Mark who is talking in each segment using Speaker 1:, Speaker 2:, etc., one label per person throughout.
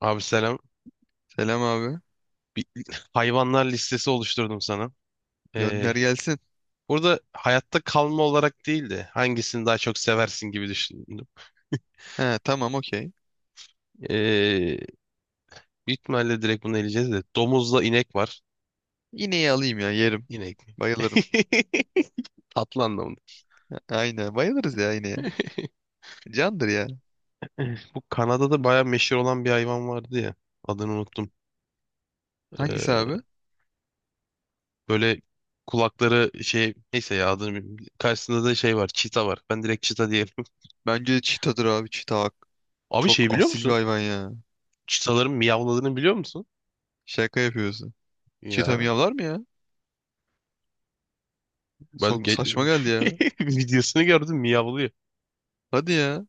Speaker 1: Abi selam.
Speaker 2: Selam abi.
Speaker 1: Bir hayvanlar listesi oluşturdum sana. Ee,
Speaker 2: Gönder gelsin.
Speaker 1: burada hayatta kalma olarak değil de hangisini daha çok seversin gibi düşündüm.
Speaker 2: He tamam okey.
Speaker 1: Ee, büyük ihtimalle direkt bunu eleyeceğiz de. Domuzla inek var.
Speaker 2: İneği alayım ya yerim.
Speaker 1: İnek mi?
Speaker 2: Bayılırım.
Speaker 1: Tatlı anlamında.
Speaker 2: Aynen bayılırız ya ineğe. Candır ya.
Speaker 1: Bu Kanada'da bayağı meşhur olan bir hayvan vardı ya. Adını unuttum.
Speaker 2: Hangisi
Speaker 1: Ee,
Speaker 2: abi?
Speaker 1: böyle kulakları şey neyse ya adını bilmiyorum. Karşısında da şey var. Çita var. Ben direkt çita diyelim.
Speaker 2: Bence çitadır abi çita.
Speaker 1: Abi
Speaker 2: Çok
Speaker 1: şey biliyor
Speaker 2: asil bir
Speaker 1: musun?
Speaker 2: hayvan ya.
Speaker 1: Çitaların miyavladığını biliyor musun?
Speaker 2: Şaka yapıyorsun. Çita
Speaker 1: Ya,
Speaker 2: miyavlar mı ya?
Speaker 1: Ben
Speaker 2: Sok
Speaker 1: ge-
Speaker 2: saçma geldi ya.
Speaker 1: videosunu gördüm miyavlıyor.
Speaker 2: Hadi ya.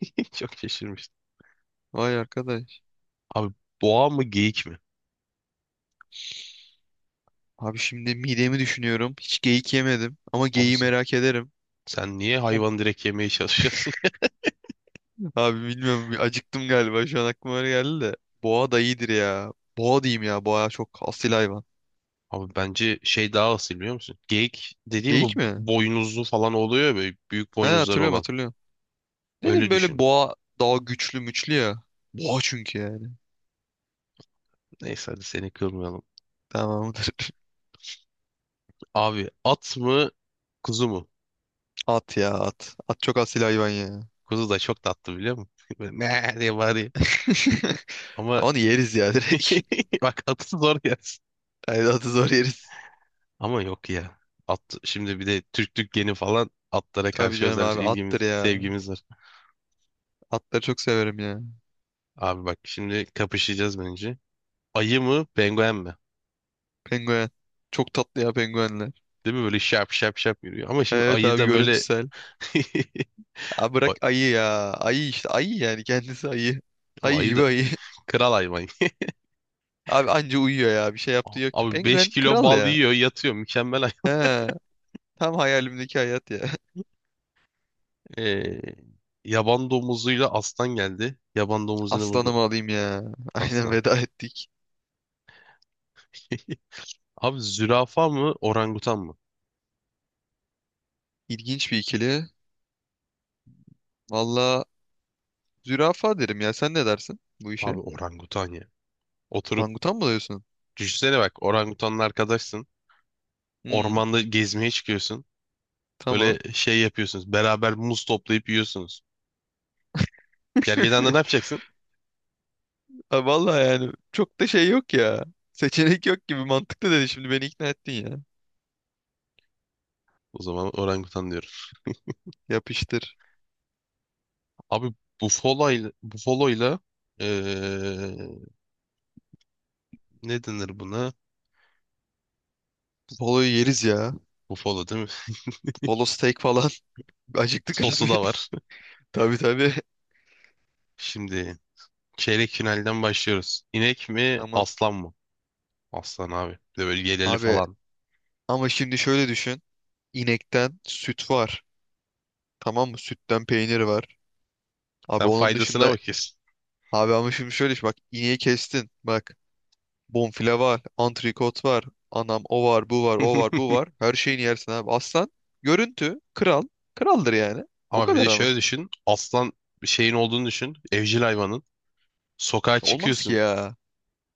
Speaker 1: Çok şaşırmıştım.
Speaker 2: Vay arkadaş.
Speaker 1: Abi boğa mı geyik mi?
Speaker 2: Abi şimdi midemi düşünüyorum. Hiç geyik yemedim. Ama geyiği
Speaker 1: Abisin.
Speaker 2: merak ederim.
Speaker 1: Sen niye
Speaker 2: Ama-
Speaker 1: hayvan direkt yemeye çalışıyorsun ya?
Speaker 2: Abi bilmiyorum bir acıktım galiba. Şu an aklıma öyle geldi de. Boğa da iyidir ya. Boğa diyeyim ya. Boğa çok asil hayvan.
Speaker 1: Abi bence şey daha asil biliyor musun? Geyik dediğim bu
Speaker 2: Geyik mi?
Speaker 1: boynuzlu falan oluyor ya böyle büyük
Speaker 2: He,
Speaker 1: boynuzları
Speaker 2: hatırlıyorum
Speaker 1: olan.
Speaker 2: hatırlıyorum.
Speaker 1: Öyle
Speaker 2: Dedim böyle
Speaker 1: düşün.
Speaker 2: boğa daha güçlü müçlü ya. Boğa çünkü yani.
Speaker 1: Neyse hadi seni kırmayalım.
Speaker 2: Tamamdır.
Speaker 1: Abi at mı kuzu mu?
Speaker 2: At ya at. At çok asil hayvan ya.
Speaker 1: Kuzu da çok tatlı biliyor musun? Böyle ne diye bağırıyor. Ama
Speaker 2: Ama onu yeriz ya direkt.
Speaker 1: bak atı zor yersin.
Speaker 2: Hayır, atı zor yeriz.
Speaker 1: Ama yok ya. At, şimdi bir de Türklük geni falan atlara
Speaker 2: Tabii
Speaker 1: karşı
Speaker 2: canım
Speaker 1: özel
Speaker 2: abi attır
Speaker 1: ilgimiz,
Speaker 2: ya.
Speaker 1: sevgimiz var.
Speaker 2: Atları çok severim ya.
Speaker 1: Abi bak şimdi kapışacağız bence. Ayı mı, penguen mi?
Speaker 2: Penguen. Çok tatlı ya penguenler.
Speaker 1: Değil mi? Böyle şap şap şap yürüyor. Ama şimdi
Speaker 2: Evet
Speaker 1: ayı
Speaker 2: abi,
Speaker 1: da böyle...
Speaker 2: görüntüsel. Abi bırak
Speaker 1: Ay-
Speaker 2: ayı ya. Ayı işte, ayı yani, kendisi ayı.
Speaker 1: Ama
Speaker 2: Ayı
Speaker 1: ayı
Speaker 2: gibi
Speaker 1: da
Speaker 2: ayı.
Speaker 1: kral hayvan.
Speaker 2: Abi anca uyuyor ya. Bir şey yaptığı yok ki.
Speaker 1: Abi 5
Speaker 2: Penguen
Speaker 1: kilo
Speaker 2: kral
Speaker 1: bal
Speaker 2: ya.
Speaker 1: yiyor, yatıyor. Mükemmel
Speaker 2: He.
Speaker 1: hayvan.
Speaker 2: Tam hayalimdeki hayat ya.
Speaker 1: Ee, yaban domuzuyla aslan geldi. Yaban domuzunu burada
Speaker 2: Aslanımı alayım ya. Aynen,
Speaker 1: aslan.
Speaker 2: veda ettik.
Speaker 1: Abi zürafa mı, orangutan mı?
Speaker 2: İlginç bir ikili. Valla zürafa derim ya. Sen ne dersin bu
Speaker 1: Abi
Speaker 2: işe?
Speaker 1: orangutan ya. Oturup
Speaker 2: Orangutan mı diyorsun?
Speaker 1: düşünsene bak orangutanla arkadaşsın.
Speaker 2: Hı,
Speaker 1: Ormanda gezmeye çıkıyorsun.
Speaker 2: tamam.
Speaker 1: Böyle şey yapıyorsunuz. Beraber muz toplayıp yiyorsunuz. Gergedan'da ne yapacaksın?
Speaker 2: Ha, valla yani çok da şey yok ya. Seçenek yok gibi, mantıklı dedi. Şimdi beni ikna ettin ya.
Speaker 1: O zaman orangutan diyorum.
Speaker 2: Yapıştır.
Speaker 1: Abi bufalo ile eee, ne denir buna?
Speaker 2: Buffalo'yu yeriz ya.
Speaker 1: Bufalo değil mi?
Speaker 2: Polo steak falan. Acıktık
Speaker 1: Sosu
Speaker 2: abi.
Speaker 1: da var.
Speaker 2: Tabii tabii.
Speaker 1: Şimdi çeyrek finalden başlıyoruz. İnek mi
Speaker 2: Tamam.
Speaker 1: aslan mı? Aslan abi. Bir de böyle yeleli
Speaker 2: Abi
Speaker 1: falan.
Speaker 2: ama şimdi şöyle düşün. İnekten süt var. Tamam mı? Sütten peynir var. Abi
Speaker 1: Sen
Speaker 2: onun
Speaker 1: faydasına
Speaker 2: dışında,
Speaker 1: bakıyorsun.
Speaker 2: abi ama şimdi şöyle iş, bak ineği kestin. Bak, bonfile var, antrikot var, anam o var, bu var, o var, bu var. Her şeyini yersin abi. Aslan görüntü kral. Kraldır yani. O
Speaker 1: Ama bir
Speaker 2: kadar
Speaker 1: de
Speaker 2: ama.
Speaker 1: şöyle düşün. Aslan bir şeyin olduğunu düşün. Evcil hayvanın. Sokağa
Speaker 2: Olmaz ki
Speaker 1: çıkıyorsun.
Speaker 2: ya.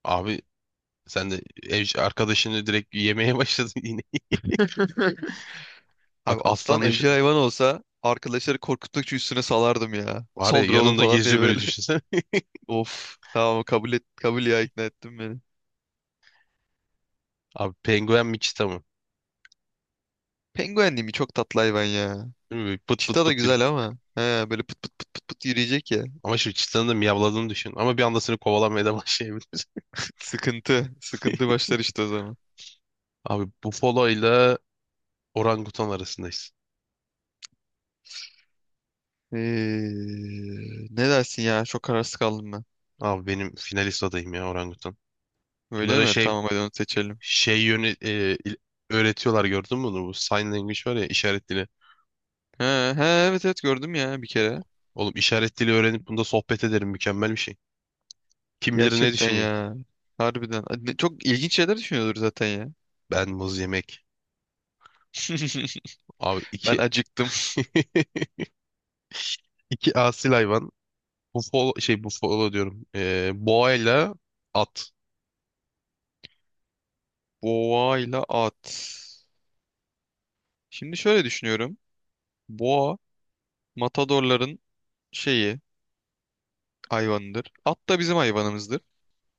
Speaker 1: Abi sen de eş, arkadaşını direkt yemeye başladın yine. Bak
Speaker 2: Abi aslan
Speaker 1: aslan
Speaker 2: evcil
Speaker 1: düşün.
Speaker 2: hayvan olsa arkadaşları korkuttukça üstüne salardım ya.
Speaker 1: Var ya
Speaker 2: Saldır oğlum
Speaker 1: yanında
Speaker 2: falan diye
Speaker 1: geziyor böyle
Speaker 2: böyle.
Speaker 1: düşünsene.
Speaker 2: Of tamam, kabul et, kabul ya, ikna ettin beni.
Speaker 1: Abi penguen mi çita mı?
Speaker 2: Penguen değil mi? Çok tatlı hayvan ya.
Speaker 1: Değil mi? Böyle pıt pıt
Speaker 2: Çita da
Speaker 1: pıt yürü.
Speaker 2: güzel ama. He, böyle pıt pıt pıt pıt pıt yürüyecek ya.
Speaker 1: Ama şimdi çitanın da miyavladığını düşün. Ama bir anda seni kovalamaya da başlayabilir.
Speaker 2: Sıkıntı. Sıkıntı başlar işte o zaman.
Speaker 1: Abi bufalo ile orangutan arasındayız.
Speaker 2: Ee, Ne dersin ya? Çok kararsız kaldım ben.
Speaker 1: Abi benim finalist adayım ya orangutan.
Speaker 2: Öyle
Speaker 1: Bunlara
Speaker 2: mi?
Speaker 1: şey
Speaker 2: Tamam, hadi onu seçelim.
Speaker 1: yönü öğretiyorlar gördün mü bunu? Bu sign language var ya işaret dili.
Speaker 2: He, he, evet evet, gördüm ya bir kere.
Speaker 1: Oğlum işaret dili öğrenip bunda sohbet ederim mükemmel bir şey. Kim bilir ne
Speaker 2: Gerçekten
Speaker 1: düşünüyor?
Speaker 2: ya. Harbiden. Çok ilginç şeyler düşünüyordur zaten ya.
Speaker 1: Ben muz yemek. Abi iki
Speaker 2: Ben acıktım.
Speaker 1: İki asil hayvan. Bufalo diyorum. Boğayla at.
Speaker 2: Boğayla at. Şimdi şöyle düşünüyorum. Boğa matadorların şeyi, hayvanıdır. At da bizim hayvanımızdır.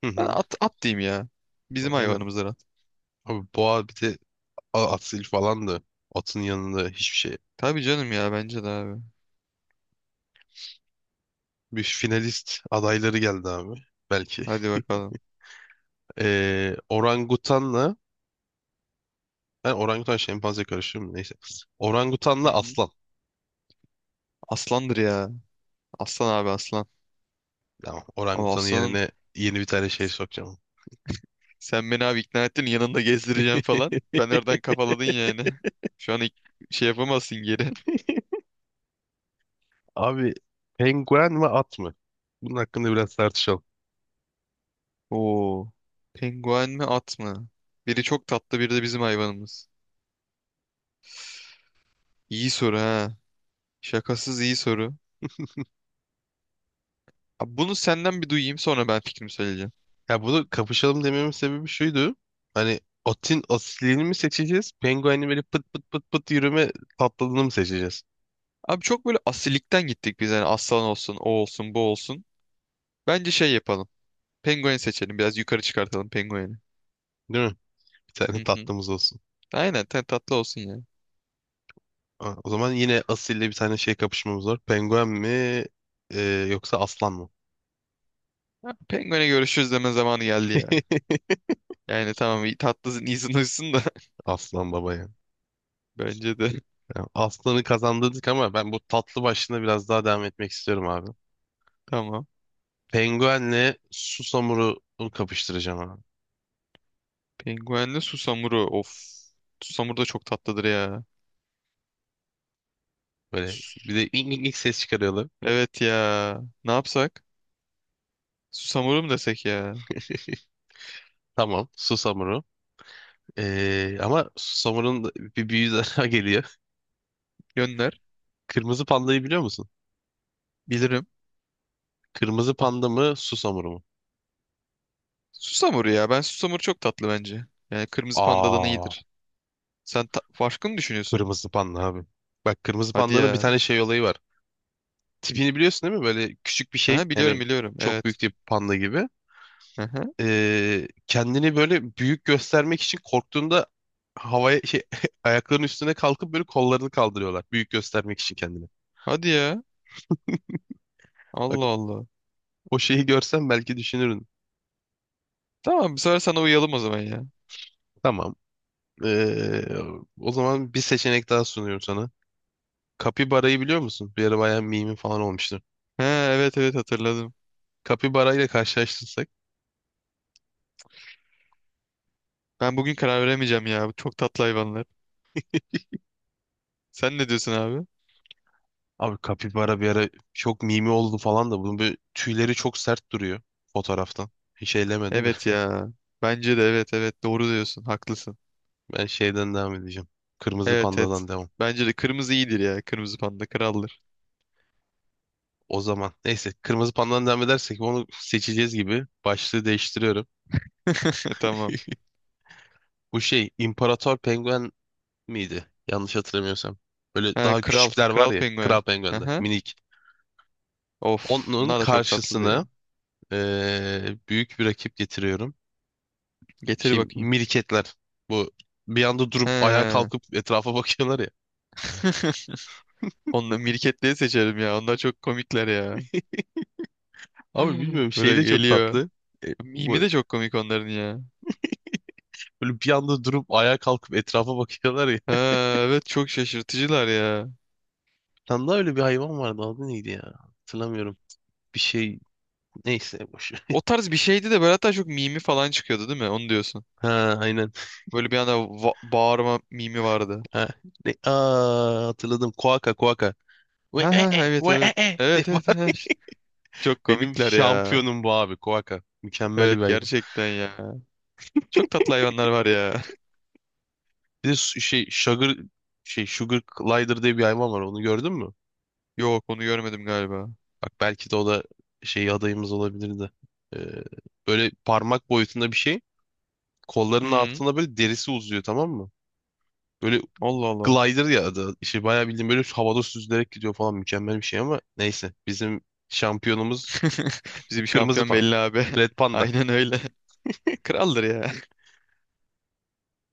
Speaker 1: Hı
Speaker 2: Ben
Speaker 1: hı.
Speaker 2: at, at diyeyim ya. Bizim
Speaker 1: Aynen.
Speaker 2: hayvanımızdır at.
Speaker 1: Abi boğa bir de asil falandı. Atın yanında hiçbir şey.
Speaker 2: Tabii canım ya, bence de abi.
Speaker 1: Bir finalist adayları geldi abi. Belki.
Speaker 2: Hadi bakalım.
Speaker 1: Orangutanla ben orangutan şempanze karıştırıyorum da neyse.
Speaker 2: Hı
Speaker 1: Orangutanla
Speaker 2: hı.
Speaker 1: aslan.
Speaker 2: Aslandır ya. Aslan abi aslan.
Speaker 1: Tamam,
Speaker 2: Ama
Speaker 1: orangutanın
Speaker 2: Aslan'ın,
Speaker 1: yerine yeni bir tane şey sokacağım.
Speaker 2: sen beni abi ikna ettin, yanında gezdireceğim falan. Ben oradan kafaladın yani. Şu an ik- şey yapamazsın geri.
Speaker 1: Abi penguen mi at mı? Bunun hakkında biraz tartışalım.
Speaker 2: Oo. Penguen mi at mı? Biri çok tatlı, biri de bizim hayvanımız. İyi soru ha. Şakasız iyi soru. Abi bunu senden bir duyayım, sonra ben fikrimi söyleyeceğim.
Speaker 1: Ya bunu kapışalım dememin sebebi şuydu. Hani otin asilini mi seçeceğiz? Penguenin böyle pıt pıt pıt pıt yürüme tatlılığını mı seçeceğiz?
Speaker 2: Abi çok böyle asilikten gittik biz. Yani aslan olsun, o olsun, bu olsun. Bence şey yapalım. Penguen seçelim. Biraz yukarı çıkartalım pengueni.
Speaker 1: Değil mi? Bir tane
Speaker 2: Hı hı.
Speaker 1: tatlımız olsun.
Speaker 2: Aynen ten tatlı olsun ya.
Speaker 1: Ha, o zaman yine asille bir tane şey kapışmamız var. Penguen mi e, yoksa aslan mı?
Speaker 2: Ha, Penguen'e görüşürüz deme zamanı geldi ya. Yani tamam, iyi- tatlısın, iyisin, hoşsun da,
Speaker 1: Aslan baba ya.
Speaker 2: bence de.
Speaker 1: Ya, aslanı kazandırdık ama ben bu tatlı başlığına biraz daha devam etmek istiyorum abi.
Speaker 2: Tamam.
Speaker 1: Penguenle susamuru kapıştıracağım abi.
Speaker 2: Penguenle susamuru. Of. Susamuru da çok tatlıdır ya.
Speaker 1: Böyle
Speaker 2: Sus-
Speaker 1: bir de ilk, ses çıkarıyorlar.
Speaker 2: Evet ya. Ne yapsak? Susamuru mu desek ya?
Speaker 1: Tamam, susamuru. Ama Susamu'nun da bir büyüğü daha geliyor.
Speaker 2: Gönder.
Speaker 1: Kırmızı pandayı biliyor musun?
Speaker 2: Bilirim.
Speaker 1: Kırmızı panda mı, Susamuru mu?
Speaker 2: Susamuru ya. Ben susamuru çok tatlı bence. Yani kırmızı pandadan
Speaker 1: Aa,
Speaker 2: iyidir. Farklı mı düşünüyorsun?
Speaker 1: kırmızı panda abi. Bak kırmızı
Speaker 2: Hadi
Speaker 1: pandanın bir
Speaker 2: ya.
Speaker 1: tane şey olayı var. Tipini biliyorsun değil mi? Böyle küçük bir şey.
Speaker 2: Ha, biliyorum
Speaker 1: Yani
Speaker 2: biliyorum.
Speaker 1: çok
Speaker 2: Evet.
Speaker 1: büyük bir panda gibi.
Speaker 2: Aha.
Speaker 1: Kendini böyle büyük göstermek için korktuğunda havaya şey ayaklarının üstüne kalkıp böyle kollarını kaldırıyorlar. Büyük göstermek için kendini.
Speaker 2: Hadi ya.
Speaker 1: Bak
Speaker 2: Allah Allah.
Speaker 1: o şeyi görsen belki düşünürün.
Speaker 2: Tamam, bir sefer sana uyalım o zaman ya.
Speaker 1: Tamam. Ee, o zaman bir seçenek daha sunuyorum sana. Kapibara'yı biliyor musun? Bir ara bayağı mimi falan olmuştu.
Speaker 2: Ha, evet evet, hatırladım.
Speaker 1: Kapibara ile karşılaştırsak.
Speaker 2: Ben bugün karar veremeyeceğim ya. Bu çok tatlı hayvanlar. Sen ne diyorsun abi?
Speaker 1: Abi kapibara bir ara çok mimi oldu falan da bunun böyle tüyleri çok sert duruyor fotoğraftan. Hiç eylemedim de.
Speaker 2: Evet ya. Bence de, evet evet, doğru diyorsun. Haklısın.
Speaker 1: Ben şeyden devam edeceğim. Kırmızı
Speaker 2: Evet evet.
Speaker 1: pandadan devam.
Speaker 2: Bence de kırmızı iyidir ya. Kırmızı panda kraldır.
Speaker 1: O zaman neyse kırmızı pandadan devam edersek onu seçeceğiz gibi. Başlığı değiştiriyorum.
Speaker 2: Tamam.
Speaker 1: Bu şey İmparator Penguen miydi? Yanlış hatırlamıyorsam. Böyle
Speaker 2: Ha,
Speaker 1: daha
Speaker 2: kral.
Speaker 1: küçükler var
Speaker 2: Kral
Speaker 1: ya
Speaker 2: penguen.
Speaker 1: Kral Penguen'de
Speaker 2: Aha.
Speaker 1: minik.
Speaker 2: Of.
Speaker 1: Onun
Speaker 2: Bunlar da çok tatlı ya.
Speaker 1: karşısına büyük bir rakip getiriyorum.
Speaker 2: Getir
Speaker 1: Şey
Speaker 2: bakayım.
Speaker 1: miriketler. Bu bir anda durup ayağa
Speaker 2: Ha.
Speaker 1: kalkıp etrafa bakıyorlar ya.
Speaker 2: Onları, mirketliği seçerim ya. Onlar çok komikler ya.
Speaker 1: Abi bilmiyorum şey
Speaker 2: Böyle
Speaker 1: de çok
Speaker 2: geliyor.
Speaker 1: tatlı. Bu
Speaker 2: Mimi de çok komik onların ya.
Speaker 1: böyle bir anda durup ayağa kalkıp etrafa bakıyorlar ya.
Speaker 2: Ha, evet, çok şaşırtıcılar ya.
Speaker 1: Tam da öyle bir hayvan vardı. Adı neydi ya? Hatırlamıyorum. Bir şey neyse boş ver.
Speaker 2: O tarz bir şeydi de böyle, hatta çok mimi falan çıkıyordu değil mi? Onu diyorsun.
Speaker 1: Ha, aynen.
Speaker 2: Böyle bir anda bağırma mimi vardı.
Speaker 1: Ha. Ne? Aa, hatırladım. Koaka koaka. Ve
Speaker 2: Ha
Speaker 1: e
Speaker 2: ha ha,
Speaker 1: e
Speaker 2: evet
Speaker 1: ve
Speaker 2: evet.
Speaker 1: e e. diye
Speaker 2: Evet evet.
Speaker 1: bağır-
Speaker 2: Evet. Çok
Speaker 1: Benim
Speaker 2: komikler ya.
Speaker 1: şampiyonum bu abi koaka. Mükemmel bir
Speaker 2: Evet
Speaker 1: hayvan.
Speaker 2: gerçekten ya. Çok tatlı hayvanlar var ya.
Speaker 1: Bir de sugar glider diye bir hayvan var. Onu gördün mü?
Speaker 2: Yok, onu görmedim galiba.
Speaker 1: Bak belki de o da şey adayımız olabilirdi. Ee, böyle parmak boyutunda bir şey. Kollarının
Speaker 2: Hmm,
Speaker 1: altında böyle derisi uzuyor tamam mı? Böyle
Speaker 2: Allah Allah.
Speaker 1: glider ya adı. İşte bayağı bildiğin böyle havada süzülerek gidiyor falan. Mükemmel bir şey ama neyse. Bizim şampiyonumuz
Speaker 2: Bizi bir
Speaker 1: Kırmızı
Speaker 2: şampiyon
Speaker 1: Pan.
Speaker 2: belli abi.
Speaker 1: Red Panda.
Speaker 2: Aynen öyle. Kraldır ya.